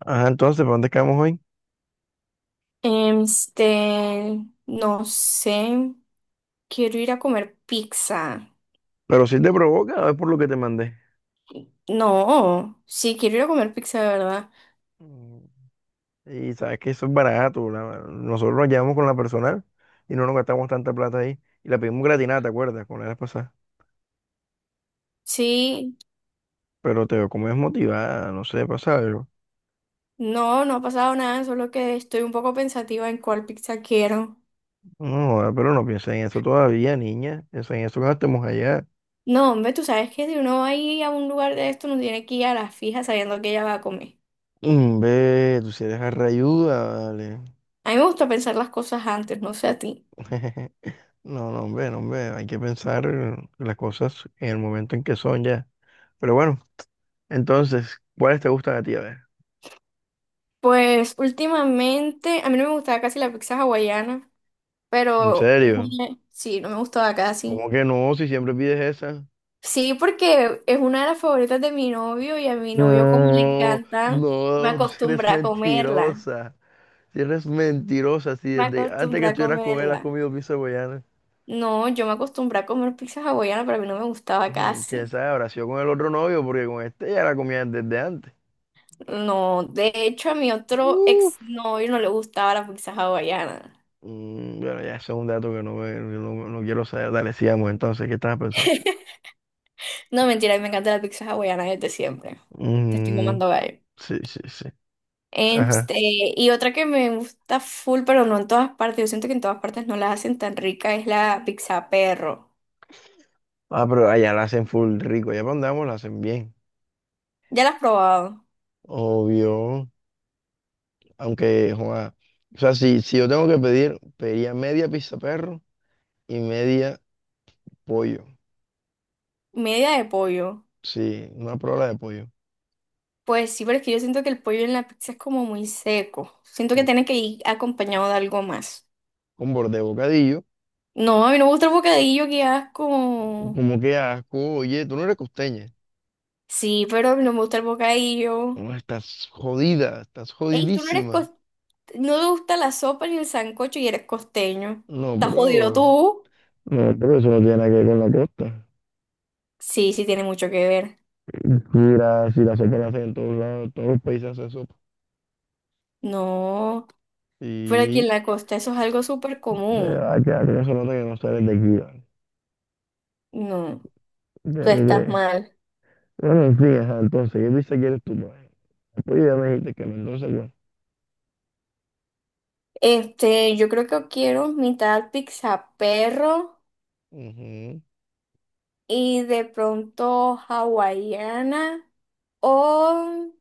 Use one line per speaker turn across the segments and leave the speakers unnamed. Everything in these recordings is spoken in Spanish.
Ajá, entonces, ¿para dónde quedamos hoy?
Este, no sé, quiero ir a comer pizza.
Pero si te provoca, es por lo que te mandé.
No, sí, quiero ir a comer pizza, de verdad.
Mm, Y sabes que eso es barato. Nosotros nos llevamos con la personal y no nos gastamos tanta plata ahí. Y la pedimos gratinada, ¿te acuerdas? Con la vez pasada.
Sí,
Pero te veo como desmotivada, no sé, pasa algo.
no, no ha pasado nada, solo que estoy un poco pensativa en cuál pizza quiero.
No, joda, pero no pienses en eso todavía, niña. Piensa en eso cuando estemos allá.
No, hombre, tú sabes que si uno va a ir a un lugar de esto, no tiene que ir a la fija sabiendo que ella va a comer.
Mm, ve, tú si eres arrayuda, vale.
A mí me gusta pensar las cosas antes, no sé a ti.
No, no, hombre, no, hombre. Hay que pensar las cosas en el momento en que son ya. Pero bueno, entonces, ¿cuáles te gustan a ti? A ver.
Pues últimamente, a mí no me gustaba casi la pizza hawaiana,
¿En
pero
serio?
sí, no me gustaba casi.
¿Cómo que no? Si siempre pides esa.
Sí, porque es una de las favoritas de mi novio y a mi novio como le
No,
encantan, me
no, tú sí eres
acostumbra a comerla.
mentirosa. Si eres mentirosa, si
Me
desde antes que
acostumbra a
estuvieras con él has
comerla.
comido pizza hawaiana.
No, yo me acostumbré a comer pizza hawaiana, pero a mí no me gustaba
Ujú, ¿quién
casi.
sabe? Habrá sido con el otro novio, porque con este ya la comían desde antes.
No, de hecho a mi otro ex
Uf.
novio no le gustaba la pizza hawaiana.
Mm, bueno, ya ese es un dato que no quiero saber. Dale, sigamos entonces. ¿Qué estabas pensando?
No, mentira, a mí me encanta la pizza hawaiana desde siempre. Te estoy
Mm,
mamando gallo.
sí, sí, sí. Ajá.
Este, y otra que me gusta full, pero no en todas partes, yo siento que en todas partes no la hacen tan rica, es la pizza perro.
Ah, pero allá la hacen full rico. Allá para donde vamos la hacen bien.
Ya la has probado.
Obvio. Aunque, joa, o sea, si yo tengo que pedir, pediría media pizza perro y media pollo.
Media de pollo.
Sí, una prola de pollo.
Pues sí, pero es que yo siento que el pollo en la pizza es como muy seco. Siento que
un-
tiene que ir acompañado de algo más.
Con borde de bocadillo.
No, a mí no me gusta el bocadillo, que asco.
Como que asco, oye, tú no eres costeña.
Sí, pero a mí no me gusta el bocadillo.
No, estás jodida, estás
Ey, tú no eres
jodidísima.
cos- no te gusta la sopa ni el sancocho y eres costeño.
No,
¿Estás jodido
bro.
tú?
No, pero eso no tiene nada que ver con la costa.
Sí, sí tiene mucho que ver.
Mira, si la sopa la hacen en todos lados, todos los países hacen sopa.
No, pero aquí
Y
en la costa eso es algo súper
de
común.
verdad que algo se nota que no sales de aquí, ¿vale?
No, tú
De-
estás
de-
mal.
Bueno, en fin, ajá, entonces, ¿qué pizza quieres tú, bro? Oye, ya me dijiste que Mendoza, güey.
Este, yo creo que quiero mitad pizza perro
Ujú.
y de pronto hawaiana o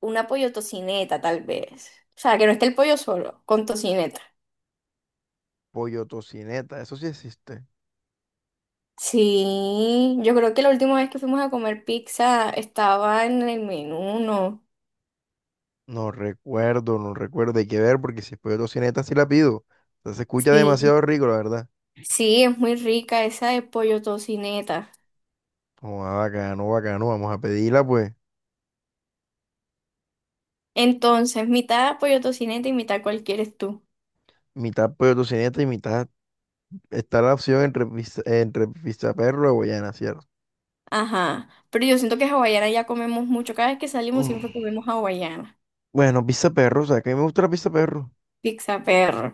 una pollo tocineta, tal vez. O sea, que no esté el pollo solo, con tocineta.
Pollo tocineta, eso sí existe.
Sí, yo creo que la última vez que fuimos a comer pizza estaba en el menú, ¿no?
No recuerdo, no recuerdo. Hay que ver porque si es pollo tocineta sí la pido. O sea, se escucha
Sí,
demasiado rico, la verdad.
sí, es muy rica esa de pollo tocineta.
Como ah, bacano, bacano. Vamos a pedirla, pues.
Entonces, mitad pollo tocineta y mitad cualquier eres tú.
Mitad pollo tocineta y mitad. Está la opción entre pizza perro o guayana, ¿cierto?
Ajá, pero yo siento que hawaiana ya comemos mucho. Cada vez que salimos siempre
Mm.
comemos hawaiana,
Bueno, pizza perro, o sea, que a mí me gusta la pizza perro.
pizza perro.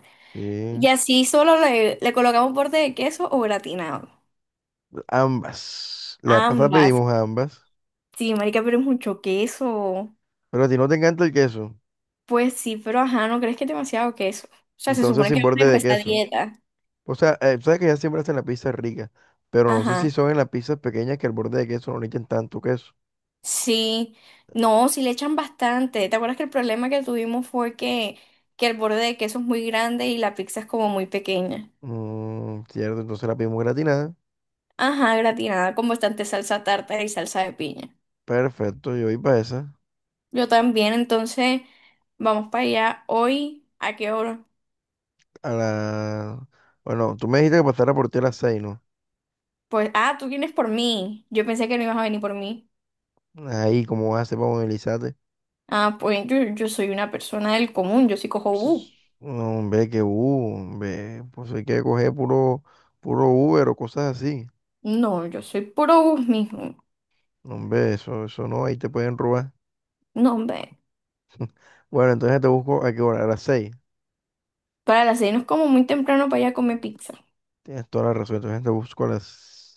Y
Sí,
así solo le colocamos borde de queso o gratinado.
ambas. La vez pasada
Ambas.
pedimos ambas.
Sí, marica, pero es mucho queso.
Pero a ti no te encanta el queso.
Pues sí, pero ajá, ¿no crees que es demasiado queso? O sea, se
Entonces
supone
sin
que vamos a
borde de
empezar
queso.
dieta.
O sea, sabes que ya siempre hacen la pizza rica, pero no sé si
Ajá.
son en las pizzas pequeñas que al borde de queso no le echen tanto queso.
Sí. No, sí le echan bastante. ¿Te acuerdas que el problema que tuvimos fue que el borde de queso es muy grande y la pizza es como muy pequeña?
Mm, cierto, entonces la pedimos gratinada.
Ajá, gratinada con bastante salsa tártara y salsa de piña.
Perfecto, yo voy para esa.
Yo también, entonces vamos para allá hoy. ¿A qué hora?
A la... Bueno, tú me dijiste que pasara por ti a las seis, ¿no?
Pues, ah, tú vienes por mí. Yo pensé que no ibas a venir por mí.
Ahí, ¿cómo vas a hacer para movilizarte?
Ah, pues yo soy una persona del común, yo sí cojo bus.
Ps, no, hombre, que hombre, pues hay que coger puro Uber o cosas así.
No, yo soy puro bus mismo.
No, hombre, eso no, ahí te pueden robar.
No, hombre.
Bueno, entonces te busco a qué hora, a las 6.
Para las seis no es como muy temprano para allá a comer pizza.
Tienes toda la razón, entonces te busco a las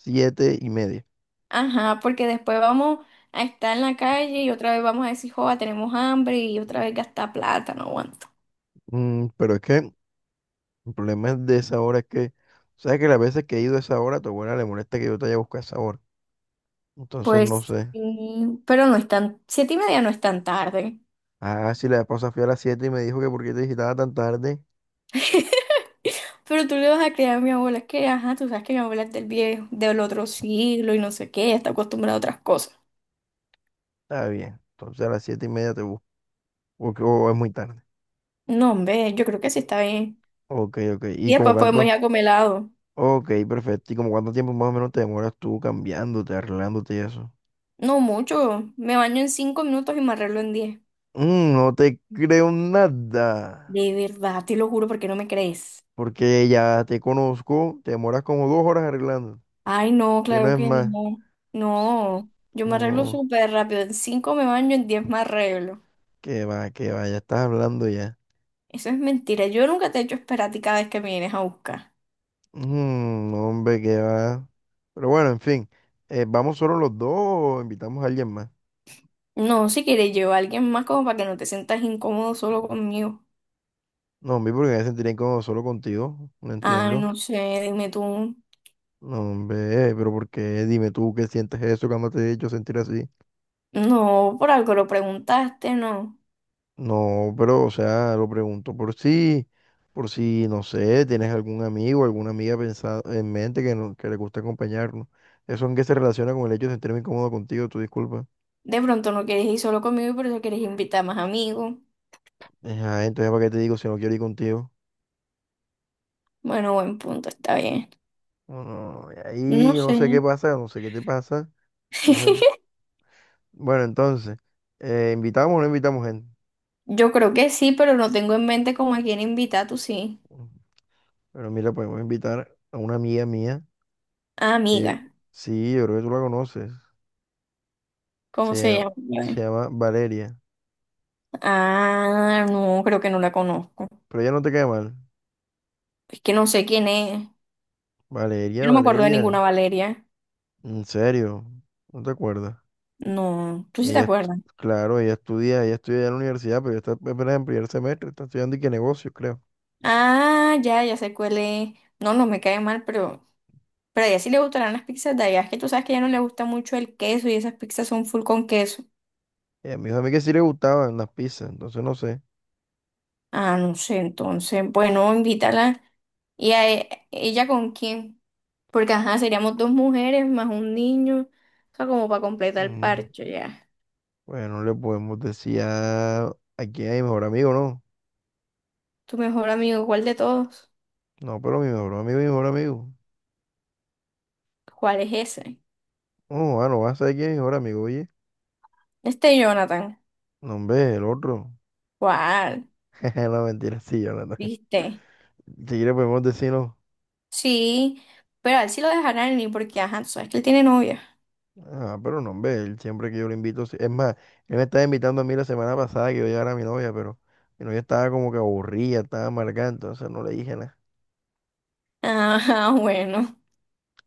siete y media.
Ajá, porque después vamos a estar en la calle y otra vez vamos a decir, joda, tenemos hambre y otra vez gastar plata, no aguanto.
Mm, pero es que el problema de esa hora es que sabes que las veces que he ido a esa hora, a tu abuela le molesta que yo te haya buscado a esa hora. Entonces no
Pues
sé.
sí, pero no es tan, 7:30 no es tan tarde.
Ah, si la esposa fui a las siete y me dijo que por qué te visitaba tan tarde,
Pero tú le vas a creer a mi abuela, es que, ajá, tú sabes que mi abuela es del viejo, del otro siglo y no sé qué, está acostumbrada a otras cosas.
está bien. Entonces a las 7 y media te busco. Porque o es muy tarde.
No, hombre, yo creo que sí está bien.
Ok, ok. ¿Y
Y
como
después podemos ir
cuánto?
a comer helado.
Ok, perfecto. ¿Y como cuánto tiempo más o menos te demoras tú cambiándote, arreglándote y eso?
No mucho, me baño en 5 minutos y me arreglo en 10.
Mm, no te creo nada.
De verdad, te lo juro porque no me crees.
Porque ya te conozco, te demoras como dos horas arreglando.
Ay, no,
Si no
claro
es
que
más.
no. No, yo me arreglo
No.
súper rápido. En cinco me baño, en 10 me arreglo.
Que va, ya estás hablando ya.
Eso es mentira. Yo nunca te he hecho esperar a ti cada vez que me vienes a buscar.
Mm, hombre, que va. Pero bueno, en fin, ¿vamos solo los dos o invitamos a alguien más?
No, si quieres llevar a alguien más como para que no te sientas incómodo solo conmigo.
No, hombre, porque me sentiría incómodo solo contigo, no
Ah,
entiendo.
no sé, dime tú.
No, hombre, pero ¿por qué? Dime tú qué sientes eso cuando te he hecho sentir así.
No, por algo lo preguntaste, no.
No, pero, o sea, lo pregunto por si, no sé, tienes algún amigo, alguna amiga pensado en mente que, no- que le gusta acompañarnos. ¿Eso en qué se relaciona con el hecho de sentirme incómodo contigo? Tu disculpa.
De pronto no quieres ir solo conmigo y por eso quieres invitar más amigos.
Ajá, entonces, ¿para qué te digo si no quiero ir contigo?
Bueno, buen punto, está bien.
Bueno, y ahí
No
no
sé.
sé qué pasa, no sé qué te pasa. ¿Cómo es? Bueno, entonces, ¿invitamos o no invitamos gente?
Yo creo que sí, pero no tengo en mente como a quién invitar, tú sí.
Pero mira, podemos invitar a una amiga mía,
Ah,
que
amiga,
sí, yo creo que tú la conoces, se,
¿cómo se
llama-
llama?
se
Eh,
llama Valeria,
Ah, no, creo que no la conozco.
pero ella no te cae mal.
Es que no sé quién es. Yo
Valeria,
no me acuerdo de ninguna
Valeria,
Valeria.
en serio, no te acuerdas.
No, tú sí te
Ella, estu-
acuerdas.
claro, ella estudia ya en la universidad, pero ella está apenas en primer semestre, está estudiando y qué negocios, creo.
Ah, ya, ya sé cuál es. No, no me cae mal, pero a ella sí le gustarán las pizzas de allá. Es que tú sabes que a ella no le gusta mucho el queso y esas pizzas son full con queso.
Ella me dijo a mí que sí le gustaban las pizzas, entonces no sé.
Ah, no sé, entonces, bueno, invítala. ¿Y ella con quién? Porque, ajá, seríamos dos mujeres más un niño. O sea, como para completar el
Mm.
parche, ya.
Bueno, le podemos decir a quién es mi mejor amigo, ¿no?
Tu mejor amigo, ¿cuál de todos?
No, pero mi mejor amigo es mi mejor amigo.
¿Cuál es ese?
No, bueno, no vas a saber quién es mi mejor amigo, oye.
Este Jonathan.
No, hombre, el otro.
¿Cuál?
No, mentira, sí, Jonathan.
¿Viste?
Si quiere podemos decir no.
Sí, pero a él sí lo dejarán ir porque, ajá, tú sabes que él tiene novia.
Ah, pero no, hombre, él siempre que yo lo invito. Es más, él me estaba invitando a mí la semana pasada que yo llegara a mi novia, pero mi novia estaba como que aburrida, estaba amargada, entonces no le dije nada.
Ah, bueno.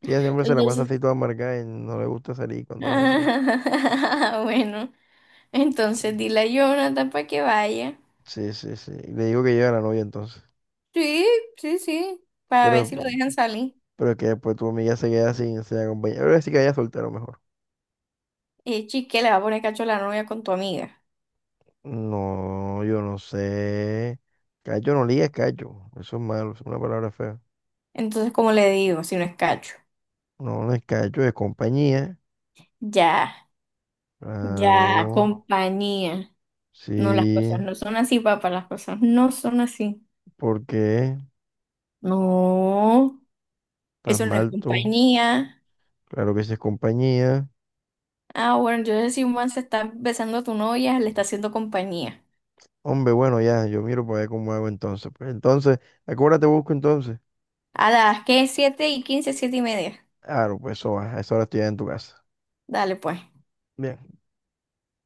Que ella siempre se la pasa
Entonces,
así toda amargada y no le gusta salir cuando es así.
ah, bueno. Entonces dile a Jonathan para que vaya.
Sí, sí, sí. Y le digo que lleve a la novia entonces.
Sí, sí, sí. Para ver
Pero
si lo dejan salir.
Pero que después tu amiga se queda sin acompañar. Pero sí que haya soltero mejor.
Y chique, le va a poner cacho a la novia con tu amiga.
No, yo no sé. Cacho no liga, es cacho. Eso es malo, es una palabra fea.
Entonces, ¿cómo le digo, si no es cacho?
No, no es cacho, es compañía.
Ya, ya,
Claro,
compañía. No, las cosas
sí.
no son así, papá. Las cosas no son así.
¿Por qué?
No,
¿Estás
eso no es
mal tú?
compañía.
Claro que sí es compañía.
Ah, bueno, entonces si un man se está besando a tu novia, le está haciendo compañía.
Hombre, bueno, ya, yo miro para ver cómo hago entonces. Pues entonces, ¿a qué hora te busco entonces?
A las que 7:15, 7:30.
Claro, pues eso va, a esa hora estoy ya en tu casa.
Dale, pues.
Bien.